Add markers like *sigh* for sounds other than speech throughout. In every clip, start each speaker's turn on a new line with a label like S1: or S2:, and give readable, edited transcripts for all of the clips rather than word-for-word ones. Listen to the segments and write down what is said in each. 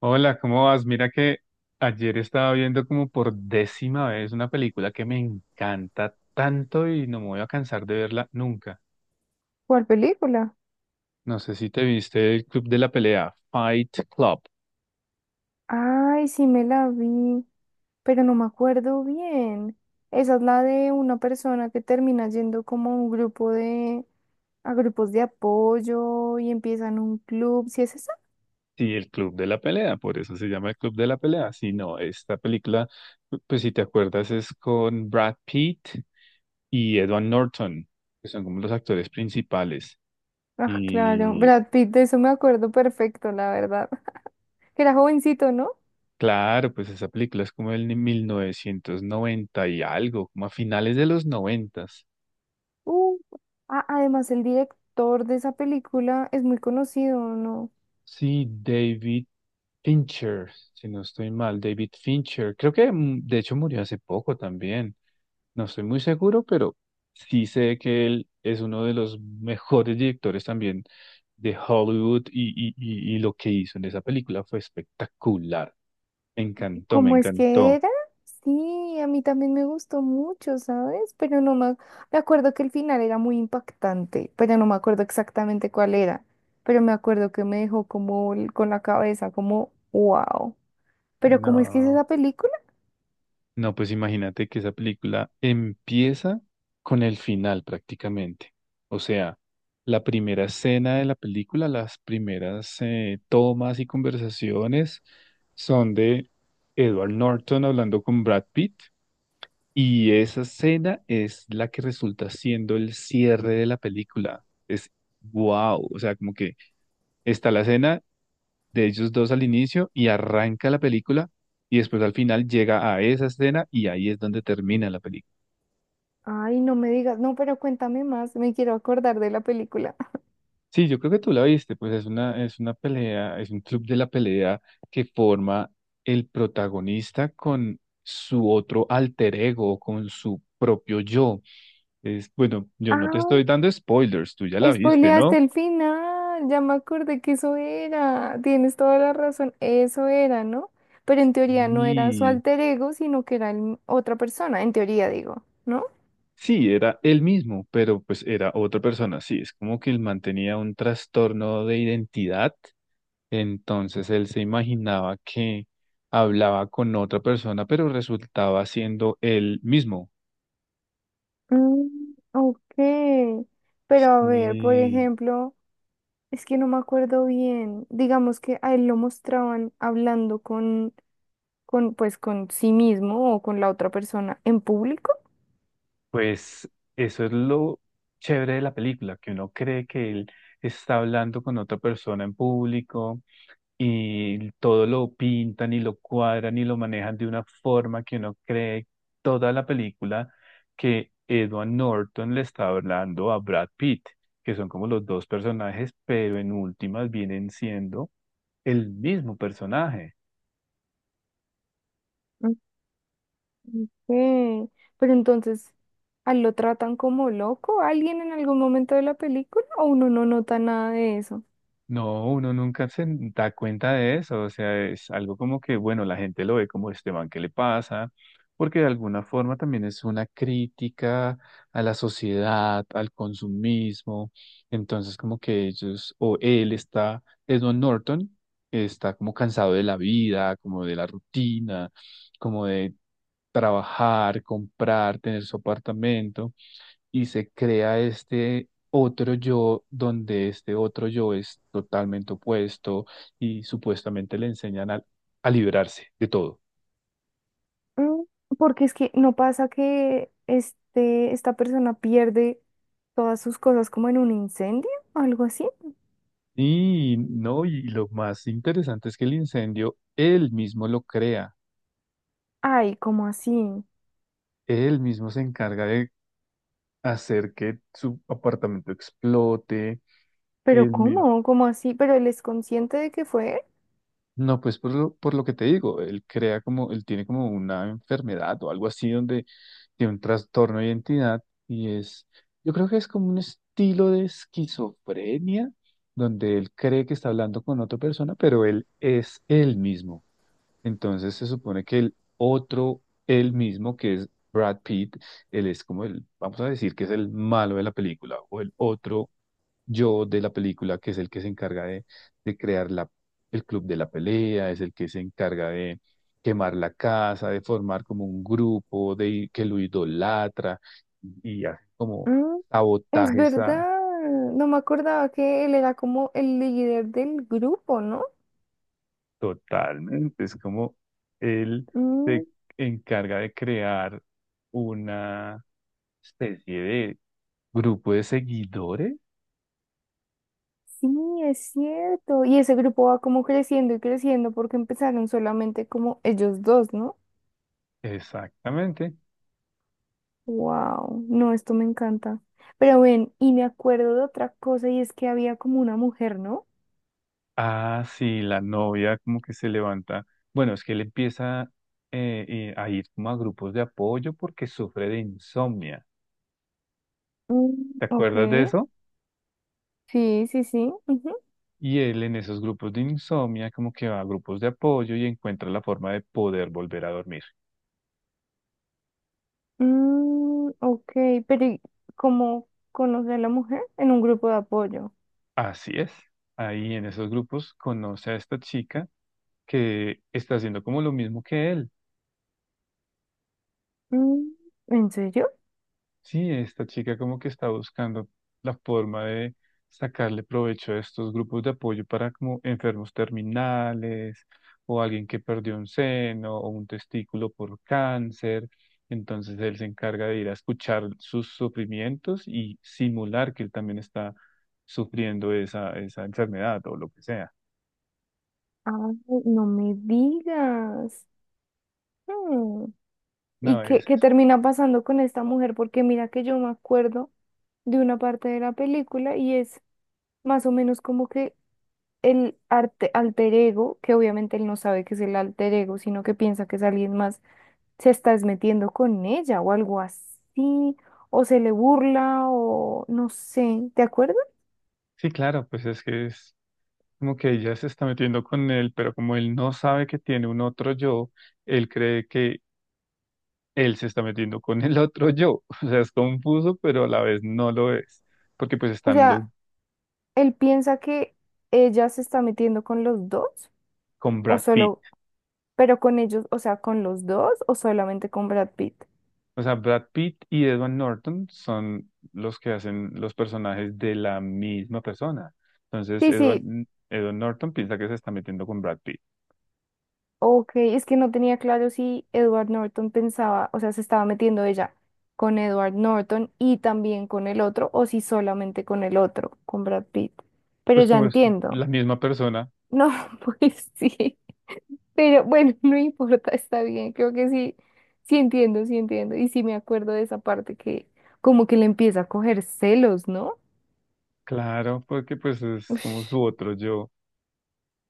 S1: Hola, ¿cómo vas? Mira que ayer estaba viendo como por décima vez una película que me encanta tanto y no me voy a cansar de verla nunca.
S2: ¿Cuál película?
S1: No sé si te viste el Club de la Pelea, Fight Club.
S2: Ay, sí me la vi, pero no me acuerdo bien. Esa es la de una persona que termina yendo como a un grupo de, a grupos de apoyo y empiezan un club. ¿Sí es esa?
S1: Sí, el Club de la Pelea, por eso se llama el Club de la Pelea. Si no, esta película, pues si te acuerdas, es con Brad Pitt y Edward Norton, que son como los actores principales.
S2: Ah, claro. Brad Pitt, de eso me acuerdo perfecto, la verdad. *laughs* Que era jovencito, ¿no?
S1: Claro, pues esa película es como del 1990 y algo, como a finales de los noventas.
S2: Uh, ah, además el director de esa película es muy conocido, ¿no?
S1: Sí, David Fincher, si no estoy mal, David Fincher. Creo que de hecho murió hace poco también. No estoy muy seguro, pero sí sé que él es uno de los mejores directores también de Hollywood lo que hizo en esa película fue espectacular. Me encantó, me
S2: ¿Cómo es que
S1: encantó.
S2: era? Sí, a mí también me gustó mucho, ¿sabes? Pero no me, me acuerdo que el final era muy impactante, pero no me acuerdo exactamente cuál era. Pero me acuerdo que me dejó como con la cabeza, como, wow. ¿Pero cómo es que es esa
S1: No.
S2: película?
S1: No, pues imagínate que esa película empieza con el final prácticamente. O sea, la primera escena de la película, las primeras tomas y conversaciones son de Edward Norton hablando con Brad Pitt y esa escena es la que resulta siendo el cierre de la película. Es wow, o sea, como que está la escena de ellos dos al inicio y arranca la película y después al final llega a esa escena y ahí es donde termina la película.
S2: Ay, no me digas, no, pero cuéntame más, me quiero acordar de la película. *laughs*
S1: Sí, yo creo que tú la viste, pues es una pelea, es un club de la pelea que forma el protagonista con su otro alter ego, con su propio yo. Es, bueno, yo no te
S2: Ah.
S1: estoy dando spoilers, tú ya la viste,
S2: Spoileaste
S1: ¿no?
S2: el final, ya me acordé que eso era. Tienes toda la razón, eso era, ¿no? Pero en teoría no era su
S1: Y
S2: alter ego, sino que era otra persona, en teoría digo, ¿no?
S1: sí, era él mismo, pero pues era otra persona. Sí, es como que él mantenía un trastorno de identidad. Entonces él se imaginaba que hablaba con otra persona, pero resultaba siendo él mismo.
S2: Mm, ok. Pero a ver, por
S1: Sí,
S2: ejemplo, es que no me acuerdo bien. Digamos que a él lo mostraban hablando pues, con sí mismo o con la otra persona en público.
S1: pues eso es lo chévere de la película, que uno cree que él está hablando con otra persona en público y todo lo pintan y lo cuadran y lo manejan de una forma que uno cree toda la película que Edward Norton le está hablando a Brad Pitt, que son como los dos personajes, pero en últimas vienen siendo el mismo personaje.
S2: Ok, pero entonces, ¿a lo tratan como loco a alguien en algún momento de la película o uno no nota nada de eso?
S1: No, uno nunca se da cuenta de eso, o sea, es algo como que, bueno, la gente lo ve como este man, ¿qué le pasa? Porque de alguna forma también es una crítica a la sociedad, al consumismo, entonces como que ellos, o él está, Edward Norton, está como cansado de la vida, como de la rutina, como de trabajar, comprar, tener su apartamento y se crea este otro yo donde este otro yo es totalmente opuesto y supuestamente le enseñan a, liberarse de todo.
S2: Mm, porque es que no pasa que esta persona pierde todas sus cosas como en un incendio o algo así.
S1: Y no, y lo más interesante es que el incendio él mismo lo crea,
S2: Ay, ¿cómo así?
S1: él mismo se encarga de hacer que su apartamento explote,
S2: ¿Pero
S1: él mi-
S2: cómo? ¿Cómo así? ¿Pero él es consciente de que fue él?
S1: No, pues por lo que te digo, él crea como, él tiene como una enfermedad o algo así donde tiene un trastorno de identidad y es, yo creo que es como un estilo de esquizofrenia donde él cree que está hablando con otra persona, pero él es él mismo. Entonces se supone que el otro él mismo, que es Brad Pitt, él es como el, vamos a decir que es el malo de la película o el otro yo de la película, que es el que se encarga de crear la, el club de la pelea, es el que se encarga de quemar la casa, de formar como un grupo, de que lo idolatra y hace como
S2: Mm, es
S1: sabotajes a-
S2: verdad. No me acordaba que él era como el líder del grupo, ¿no?
S1: totalmente. Es como él se encarga de crear una especie de grupo de seguidores,
S2: Sí, es cierto. Y ese grupo va como creciendo y creciendo porque empezaron solamente como ellos dos, ¿no?
S1: exactamente.
S2: Wow, no, esto me encanta. Pero ven, y me acuerdo de otra cosa y es que había como una mujer, ¿no?
S1: Ah, sí, la novia como que se levanta. Bueno, es que él empieza a ir como a grupos de apoyo porque sufre de insomnia.
S2: Mm,
S1: ¿Te
S2: ok,
S1: acuerdas de eso?
S2: sí, sí, sí, ujú.
S1: Y él en esos grupos de insomnia como que va a grupos de apoyo y encuentra la forma de poder volver a dormir.
S2: Mm, ok, pero ¿y cómo conocer a la mujer? En un grupo de apoyo.
S1: Así es. Ahí en esos grupos conoce a esta chica que está haciendo como lo mismo que él.
S2: Mm, ¿en serio?
S1: Sí, esta chica como que está buscando la forma de sacarle provecho a estos grupos de apoyo para como enfermos terminales o alguien que perdió un seno o un testículo por cáncer. Entonces él se encarga de ir a escuchar sus sufrimientos y simular que él también está sufriendo esa, enfermedad o lo que sea.
S2: Ay, no me digas. ¿Y
S1: No,
S2: qué,
S1: es...
S2: qué termina pasando con esta mujer? Porque mira que yo me acuerdo de una parte de la película y es más o menos como que alter ego, que obviamente él no sabe que es el alter ego, sino que piensa que es alguien más, se está metiendo con ella o algo así, o se le burla o no sé, ¿te acuerdas?
S1: Sí, claro, pues es que es como que ella se está metiendo con él, pero como él no sabe que tiene un otro yo, él cree que él se está metiendo con el otro yo. *laughs* O sea, es confuso, pero a la vez no lo es, porque pues
S2: O
S1: están los
S2: sea, él piensa que ella se está metiendo con los dos
S1: con
S2: o
S1: Brad Pitt.
S2: solo, pero con ellos, o sea, con los dos o solamente con Brad Pitt.
S1: O sea, Brad Pitt y Edward Norton son los que hacen los personajes de la misma persona. Entonces,
S2: Sí, sí,
S1: Edward Norton piensa que se está metiendo con Brad Pitt.
S2: ok, es que no tenía claro si Edward Norton pensaba, o sea, se estaba metiendo ella con Edward Norton y también con el otro, o si solamente con el otro, con Brad Pitt. Pero
S1: Pues
S2: ya
S1: como es
S2: entiendo.
S1: la misma persona,
S2: No, *laughs* pues sí. Pero bueno, *laughs* no importa, está bien. Creo que sí, sí entiendo, sí entiendo. Y sí me acuerdo de esa parte que como que le empieza a coger celos, ¿no?
S1: claro, porque pues es como
S2: Ush,
S1: su otro yo.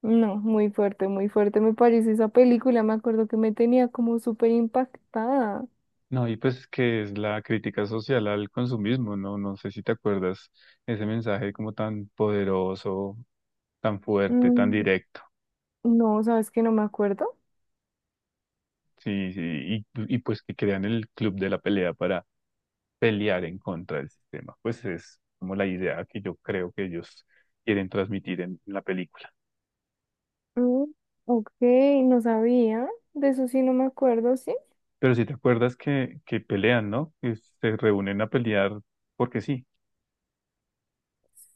S2: no, muy fuerte me parece esa película. Me acuerdo que me tenía como súper impactada.
S1: No, y pues que es la crítica social al consumismo, ¿no? No sé si te acuerdas ese mensaje como tan poderoso, tan fuerte, tan
S2: Mm.
S1: directo.
S2: No, sabes que no me acuerdo.
S1: Sí, sí, y pues que crean el club de la pelea para pelear en contra del sistema. Pues es como la idea que yo creo que ellos quieren transmitir en, la película.
S2: Mm, ok, no sabía. De eso sí no me acuerdo, sí.
S1: Pero si te acuerdas que pelean, ¿no? Que se reúnen a pelear porque sí.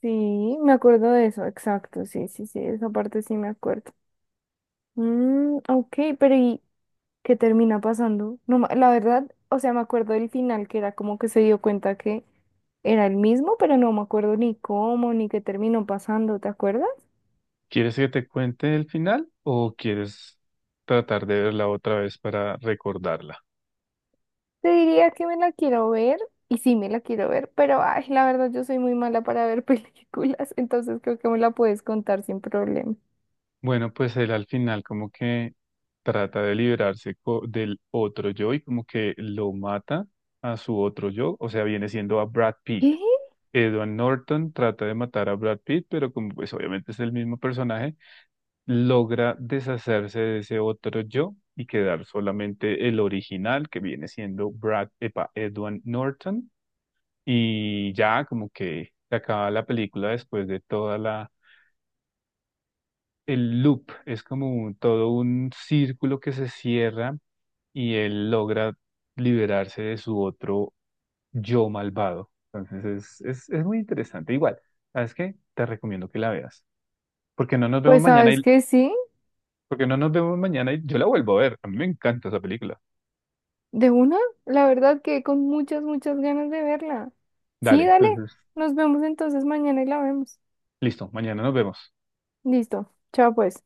S2: Sí, me acuerdo de eso, exacto. Sí, sí, sí, esa parte sí me acuerdo. Mm, ok, pero ¿y qué termina pasando? No, la verdad, o sea, me acuerdo del final que era como que se dio cuenta que era el mismo, pero no me acuerdo ni cómo, ni qué terminó pasando, ¿te acuerdas?
S1: ¿Quieres que te cuente el final o quieres tratar de verla otra vez para recordarla?
S2: Te diría que me la quiero ver, y sí me la quiero ver, pero ay, la verdad yo soy muy mala para ver *laughs* películas, entonces creo que me la puedes contar sin problema.
S1: Bueno, pues él al final como que trata de liberarse del otro yo y como que lo mata a su otro yo, o sea, viene siendo a Brad Pitt.
S2: ¿Qué?
S1: Edward Norton trata de matar a Brad Pitt, pero como pues obviamente es el mismo personaje, logra deshacerse de ese otro yo y quedar solamente el original que viene siendo Brad, epa, Edward Norton y ya como que se acaba la película después de toda la, el loop es como todo un círculo que se cierra y él logra liberarse de su otro yo malvado. Entonces es, es muy interesante. Igual, ¿sabes qué? Te recomiendo que la veas. Porque no nos vemos
S2: Pues
S1: mañana
S2: sabes
S1: y
S2: que sí,
S1: porque no nos vemos mañana y yo la vuelvo a ver. A mí me encanta esa película.
S2: de una, la verdad que con muchas, muchas ganas de verla.
S1: Dale,
S2: Sí, dale,
S1: entonces,
S2: nos vemos entonces mañana y la vemos.
S1: listo, mañana nos vemos.
S2: Listo, chao pues.